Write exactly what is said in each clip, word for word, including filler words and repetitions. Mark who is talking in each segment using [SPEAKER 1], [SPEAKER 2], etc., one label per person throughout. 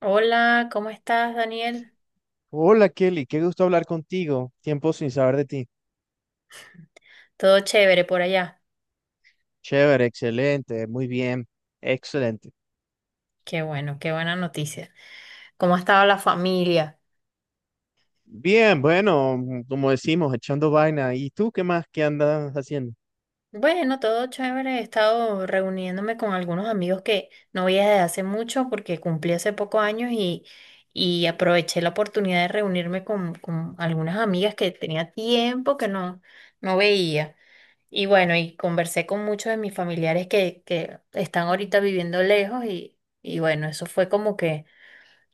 [SPEAKER 1] Hola, ¿cómo estás, Daniel?
[SPEAKER 2] Hola Kelly, qué gusto hablar contigo. Tiempo sin saber de ti.
[SPEAKER 1] Todo chévere por allá.
[SPEAKER 2] Chévere, excelente, muy bien, excelente.
[SPEAKER 1] Qué bueno, qué buena noticia. ¿Cómo ha estado la familia?
[SPEAKER 2] Bien, bueno, mm, como decimos, echando vaina. ¿Y tú qué más? ¿Qué andas haciendo?
[SPEAKER 1] Bueno, todo chévere. He estado reuniéndome con algunos amigos que no veía desde hace mucho porque cumplí hace pocos años y, y aproveché la oportunidad de reunirme con, con algunas amigas que tenía tiempo que no, no veía. Y bueno, y conversé con muchos de mis familiares que, que están ahorita viviendo lejos y, y bueno, eso fue como que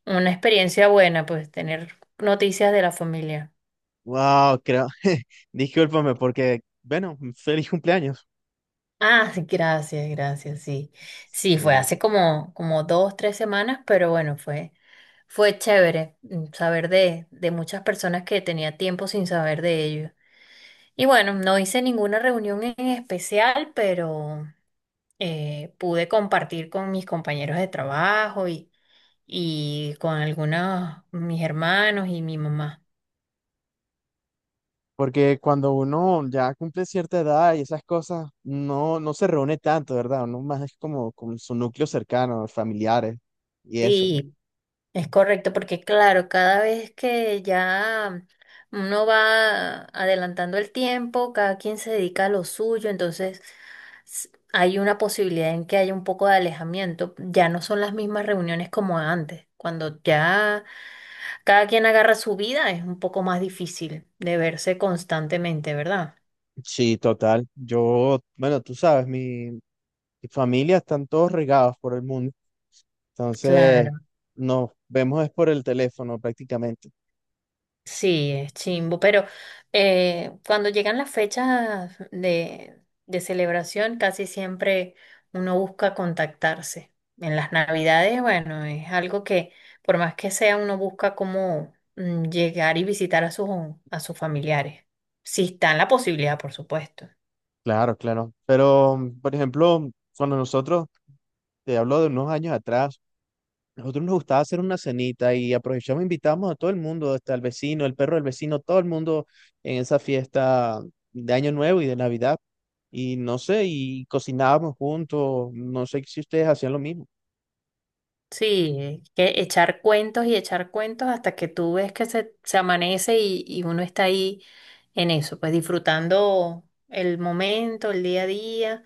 [SPEAKER 1] una experiencia buena, pues tener noticias de la familia.
[SPEAKER 2] Wow, creo. Discúlpame porque, bueno, mm, feliz cumpleaños.
[SPEAKER 1] Ah, sí, gracias, gracias, sí. Sí, fue
[SPEAKER 2] Sí.
[SPEAKER 1] hace como, como dos, tres semanas, pero bueno, fue, fue chévere, mm, saber de, de muchas personas que tenía tiempo sin saber de ellos. Y bueno, no hice ninguna reunión en especial, pero eh, pude compartir con mis compañeros de trabajo y, y con algunos, mis hermanos y mi mamá.
[SPEAKER 2] Porque cuando uno ya cumple cierta edad y esas cosas, no, no se reúne tanto, ¿verdad? Uno más es como con su núcleo cercano, familiares y eso.
[SPEAKER 1] Sí. Es correcto, porque claro, cada vez que ya uno va adelantando el tiempo, cada quien se dedica a lo suyo, entonces s- hay una posibilidad en que haya un poco de alejamiento. Ya no son las mismas reuniones como antes. Cuando ya cada quien agarra su vida, es un poco más difícil de verse constantemente, ¿verdad?
[SPEAKER 2] Sí, total. Yo, bueno, tú sabes, mi, y familia están todos regados por el mundo. Entonces,
[SPEAKER 1] Claro.
[SPEAKER 2] nos vemos es por el teléfono prácticamente.
[SPEAKER 1] Sí, es chimbo, pero eh, cuando llegan las fechas de, de celebración, casi siempre uno busca contactarse. En las Navidades, bueno, es algo que, por más que sea, uno busca cómo, mm, llegar y visitar a sus, a sus familiares. Si está en la posibilidad, por supuesto.
[SPEAKER 2] Claro, claro. Pero, por ejemplo, cuando nosotros, te hablo de unos años atrás, nosotros nos gustaba hacer una cenita y aprovechamos, e invitamos a todo el mundo, hasta el vecino, el perro del vecino, todo el mundo en esa fiesta de Año Nuevo y de Navidad. Y no sé, y cocinábamos juntos, no sé si ustedes hacían lo mismo.
[SPEAKER 1] Sí, que echar cuentos y echar cuentos hasta que tú ves que se, se amanece y, y uno está ahí en eso, pues disfrutando el momento, el día a día.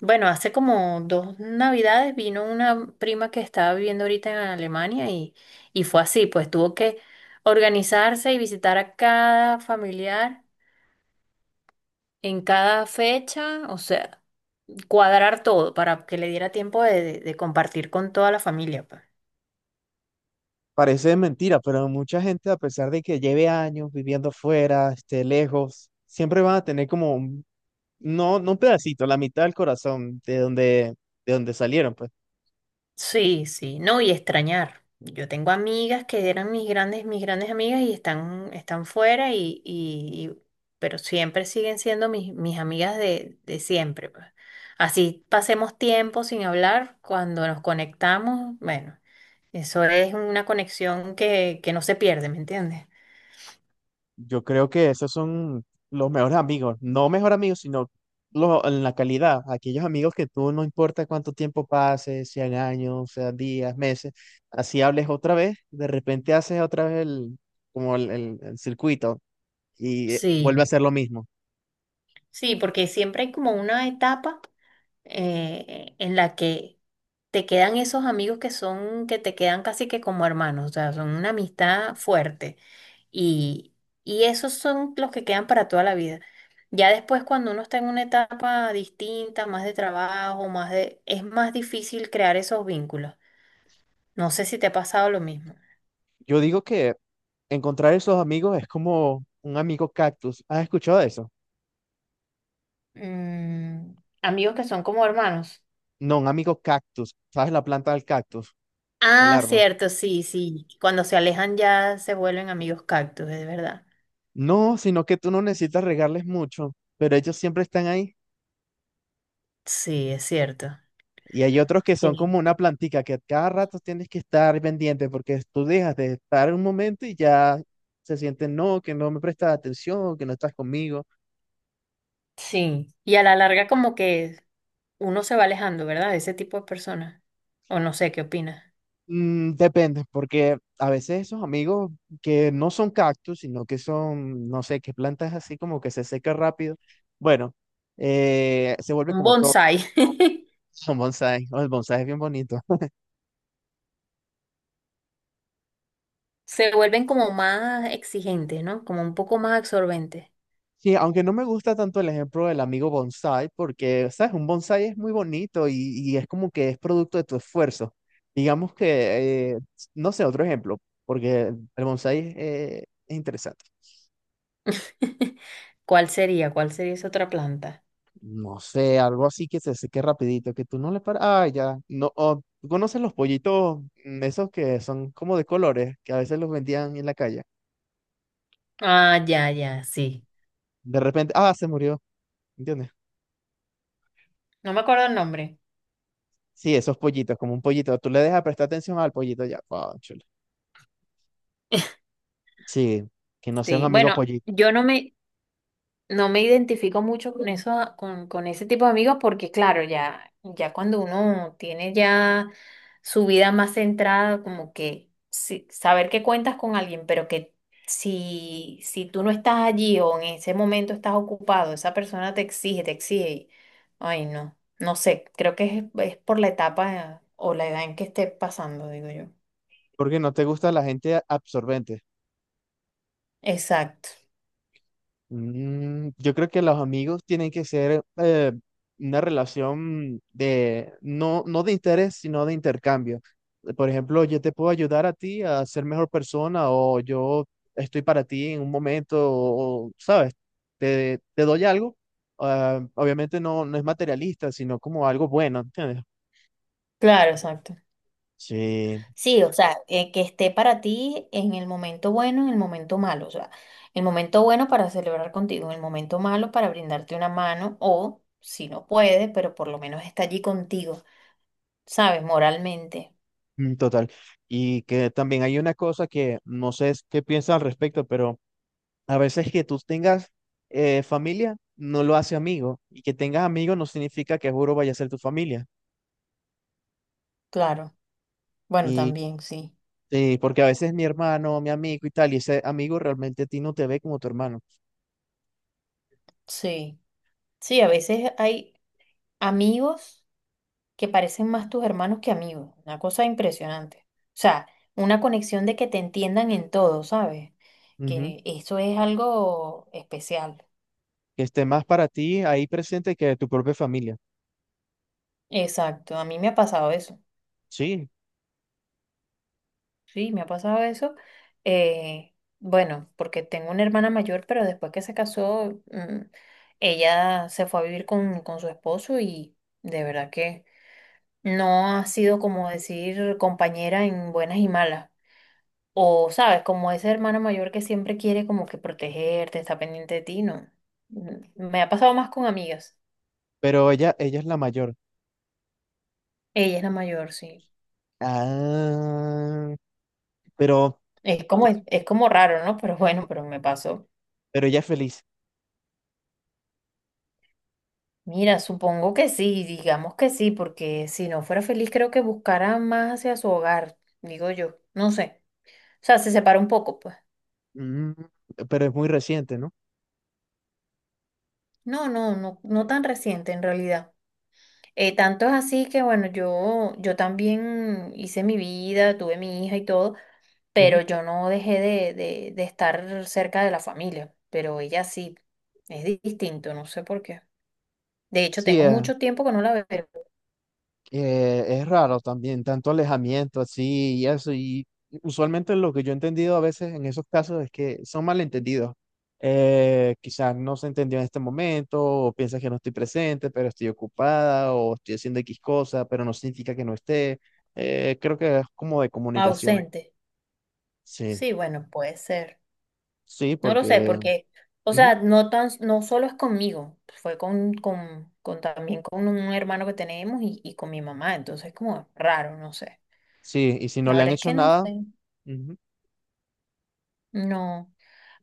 [SPEAKER 1] Bueno, hace como dos navidades vino una prima que estaba viviendo ahorita en Alemania y, y fue así, pues tuvo que organizarse y visitar a cada familiar en cada fecha, o sea, cuadrar todo para que le diera tiempo de, de- de compartir con toda la familia, pues.
[SPEAKER 2] Parece mentira, pero mucha gente, a pesar de que lleve años viviendo fuera, esté lejos, siempre van a tener como un, no, no un pedacito, la mitad del corazón de donde, de donde salieron, pues.
[SPEAKER 1] Sí, sí, no, y extrañar. Yo tengo amigas que eran mis grandes, mis grandes amigas y están, están fuera y, y- y- pero siempre siguen siendo mis, mis amigas de, de siempre, pues. Así pasemos tiempo sin hablar, cuando nos conectamos, bueno, eso es una conexión que, que no se pierde, ¿me entiendes?
[SPEAKER 2] Yo creo que esos son los mejores amigos, no mejor amigos, sino lo- en la calidad, aquellos amigos que tú no importa cuánto tiempo pase, sean años, sean días, meses, así hables otra vez, de repente haces otra vez el, como el, el el circuito y eh, vuelve
[SPEAKER 1] Sí,
[SPEAKER 2] a ser lo mismo.
[SPEAKER 1] sí, porque siempre hay como una etapa, eh, en la que te quedan esos amigos que son, que te quedan casi que como hermanos, o sea, son una amistad fuerte. Y, y esos son los que quedan para toda la vida. Ya después, cuando uno está en una etapa distinta, más de trabajo, más de, es más difícil crear esos vínculos. No sé si te ha pasado lo mismo.
[SPEAKER 2] Yo digo que encontrar esos amigos es como un amigo cactus. ¿Has escuchado de eso?
[SPEAKER 1] Mm, amigos que son como hermanos.
[SPEAKER 2] No, un amigo cactus. ¿Sabes la planta del cactus? El
[SPEAKER 1] Ah,
[SPEAKER 2] árbol.
[SPEAKER 1] cierto, sí, sí. Cuando se alejan ya se vuelven amigos cactus, es verdad.
[SPEAKER 2] No, sino que tú no necesitas regarles mucho, pero ellos siempre están ahí.
[SPEAKER 1] Sí, es cierto.
[SPEAKER 2] Y hay otros que son
[SPEAKER 1] Sí.
[SPEAKER 2] como una plantica que cada rato tienes que estar pendiente porque tú dejas de estar un momento y ya se sienten, no, que no me prestas atención, que no estás conmigo.
[SPEAKER 1] Sí, y a la larga como que uno se va alejando, ¿verdad? De ese tipo de personas. O no sé, ¿qué opinas?
[SPEAKER 2] Mm, depende, porque a veces esos amigos que no son cactus, sino que son, no sé, que plantas así como que se seca rápido, bueno, eh, se vuelve
[SPEAKER 1] Un
[SPEAKER 2] como top,
[SPEAKER 1] bonsai.
[SPEAKER 2] son bonsai, o el bonsai es bien bonito.
[SPEAKER 1] Se vuelven como más exigentes, ¿no? Como un poco más absorbentes.
[SPEAKER 2] Sí, aunque no me gusta tanto el ejemplo del amigo bonsai, porque, ¿sabes? Un bonsai es muy bonito y, y es como que es producto de tu esfuerzo. Digamos que, eh, no sé, otro ejemplo, porque el bonsai eh, es interesante.
[SPEAKER 1] ¿Cuál sería? ¿Cuál sería esa otra planta?
[SPEAKER 2] No sé, algo así que se seque rapidito, que tú no le paras. Ah, ya. No, o, ¿tú conoces los pollitos mm, esos que son como de colores, que a veces los vendían en la calle?
[SPEAKER 1] Ah, ya, ya, sí.
[SPEAKER 2] De repente, ah, se murió, ¿entiendes?
[SPEAKER 1] No me acuerdo el nombre.
[SPEAKER 2] Sí, esos pollitos, como un pollito. Tú le dejas prestar atención al pollito ya. Cónchale. Sí, que no sea un
[SPEAKER 1] Sí,
[SPEAKER 2] amigo
[SPEAKER 1] bueno,
[SPEAKER 2] pollito.
[SPEAKER 1] yo no me, no me identifico mucho con eso, ah, con, con ese tipo de amigos, porque claro, ya, ya cuando uno tiene ya su vida más centrada, como que sí, saber que cuentas con alguien, pero que si, si tú no estás allí o en ese momento estás ocupado, esa persona te exige, te exige. Y- ay, no, no sé, creo que es, es por la etapa, eh, o la edad en que esté pasando, digo yo.
[SPEAKER 2] Porque no te gusta la gente absorbente.
[SPEAKER 1] Exacto,
[SPEAKER 2] Mm, yo creo que los amigos tienen que ser eh, una relación de, no, no de interés, sino de intercambio. Por ejemplo, yo te puedo ayudar a ti a ser mejor persona o yo estoy para ti en un momento, o, ¿sabes? Te, te doy algo. Ah, obviamente no, no es materialista, sino como algo bueno, ¿entiendes?
[SPEAKER 1] claro, exacto.
[SPEAKER 2] Sí,
[SPEAKER 1] Sí, o sea, eh, que esté para ti en el momento bueno, en el momento malo, o sea, el momento bueno para celebrar contigo, en el momento malo para brindarte una mano o, si no puede, pero por lo menos está allí contigo, ¿sabes? Moralmente,
[SPEAKER 2] mm, total. Y que también hay una cosa que no sé es- qué piensas al respecto, pero... A veces que tú tengas eh, familia no lo hace amigo y que tengas amigos no significa que juro vaya a ser tu familia.
[SPEAKER 1] claro. Bueno,
[SPEAKER 2] Y
[SPEAKER 1] también, sí,
[SPEAKER 2] eh, porque a veces mi hermano, mi amigo y tal, y ese amigo realmente a ti no te ve como tu hermano.
[SPEAKER 1] sí. Sí, a veces hay amigos que parecen más tus hermanos que amigos, una cosa impresionante. O sea, una conexión de que te entiendan en todo, ¿sabes?
[SPEAKER 2] Ujú.
[SPEAKER 1] Que eso es algo especial.
[SPEAKER 2] Que esté más para ti ahí presente que tu propia familia.
[SPEAKER 1] Exacto, a mí me ha pasado eso,
[SPEAKER 2] Sí,
[SPEAKER 1] sí, me ha pasado eso. eh, bueno, porque tengo una hermana mayor, pero después que se casó, mm, ella se fue a vivir con, con su esposo y de verdad que no ha sido como decir compañera en buenas y malas. O, sabes, como esa hermana mayor que siempre quiere como que protegerte, está pendiente de ti, no. Mm, me ha pasado más con amigas.
[SPEAKER 2] pero ella, ella es la mayor.
[SPEAKER 1] Ella es la mayor, sí.
[SPEAKER 2] Ah, pero,
[SPEAKER 1] Es como, es como raro, ¿no? Pero bueno, pero me pasó.
[SPEAKER 2] pero ella es feliz.
[SPEAKER 1] Mira, supongo que sí, digamos que sí, porque si no fuera feliz creo que buscara más hacia su hogar, digo yo, no sé. O sea, se separa un poco, pues.
[SPEAKER 2] Mm, pero es muy reciente, ¿no?
[SPEAKER 1] No, no, no, no tan reciente en realidad. Eh, tanto es así que bueno, yo, yo también hice mi vida, tuve mi hija y todo, pero
[SPEAKER 2] Ujú.
[SPEAKER 1] yo no dejé de, de, de estar cerca de la familia, pero ella sí, es di- distinto, no sé por qué. De hecho,
[SPEAKER 2] Sí,
[SPEAKER 1] tengo
[SPEAKER 2] es
[SPEAKER 1] mucho tiempo que no la veo,
[SPEAKER 2] Eh, es raro también, tanto alejamiento así y eso. Y usualmente lo que yo he entendido a veces en esos casos es que son malentendidos. Eh, quizás no se entendió en este momento, o piensas que no estoy presente, pero estoy ocupada, o estoy haciendo equis cosa, pero no significa que no esté. Eh, creo que es como de comunicación.
[SPEAKER 1] ausente.
[SPEAKER 2] Sí,
[SPEAKER 1] Sí, bueno, puede ser.
[SPEAKER 2] sí,
[SPEAKER 1] No lo sé,
[SPEAKER 2] porque.
[SPEAKER 1] porque, o
[SPEAKER 2] Ujú,
[SPEAKER 1] sea, no tan, no solo es conmigo, fue con, con, con también con un hermano que tenemos y, y con mi mamá, entonces como raro, no sé.
[SPEAKER 2] sí, y si no
[SPEAKER 1] La
[SPEAKER 2] le han
[SPEAKER 1] verdad es
[SPEAKER 2] hecho
[SPEAKER 1] que no
[SPEAKER 2] nada.
[SPEAKER 1] sé, no,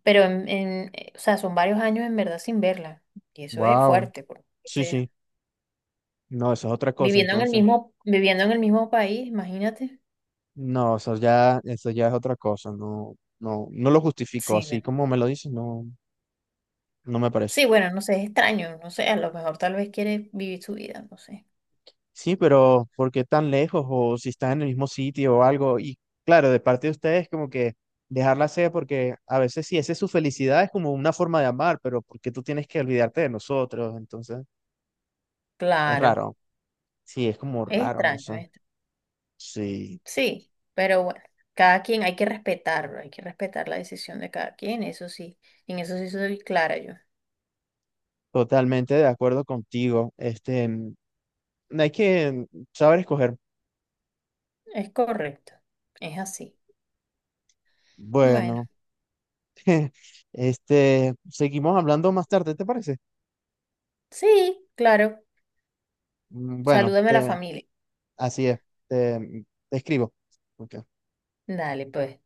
[SPEAKER 1] pero en, en, eh, o sea, son varios años en verdad sin verla y eso es
[SPEAKER 2] Wow,
[SPEAKER 1] fuerte, porque o
[SPEAKER 2] sí,
[SPEAKER 1] sea,
[SPEAKER 2] sí. No, eso es otra cosa,
[SPEAKER 1] viviendo en el
[SPEAKER 2] entonces.
[SPEAKER 1] mismo, viviendo en el mismo país, imagínate.
[SPEAKER 2] No, eso ya, eso ya es otra cosa, no, no, no lo justifico,
[SPEAKER 1] Sí,
[SPEAKER 2] así
[SPEAKER 1] bueno.
[SPEAKER 2] como me lo dices, no, no me parece.
[SPEAKER 1] Sí, bueno, no sé, es extraño, no sé, a lo mejor tal vez quiere vivir su vida, no sé.
[SPEAKER 2] Sí, pero ¿por qué tan lejos? O si están en el mismo sitio o algo, y claro, de parte de ustedes como que dejarla sea, porque a veces sí, esa es su felicidad, es como una forma de amar, pero ¿por qué tú tienes que olvidarte de nosotros? Entonces, es
[SPEAKER 1] Claro,
[SPEAKER 2] raro, sí, es como
[SPEAKER 1] es
[SPEAKER 2] raro, no
[SPEAKER 1] extraño,
[SPEAKER 2] sé.
[SPEAKER 1] es extraño.
[SPEAKER 2] Sí,
[SPEAKER 1] Sí, pero bueno, cada quien hay que respetarlo, hay que respetar la decisión de cada quien, eso sí, en eso sí soy clara yo.
[SPEAKER 2] totalmente de acuerdo contigo, este, no hay que saber escoger,
[SPEAKER 1] Es correcto, es así. Bueno,
[SPEAKER 2] bueno. Este, seguimos hablando más tarde, ¿te parece?
[SPEAKER 1] sí, claro,
[SPEAKER 2] Mm, Bueno,
[SPEAKER 1] salúdame a la
[SPEAKER 2] te-
[SPEAKER 1] familia.
[SPEAKER 2] así es. Te, te escribo. Ok.
[SPEAKER 1] Dale, pues.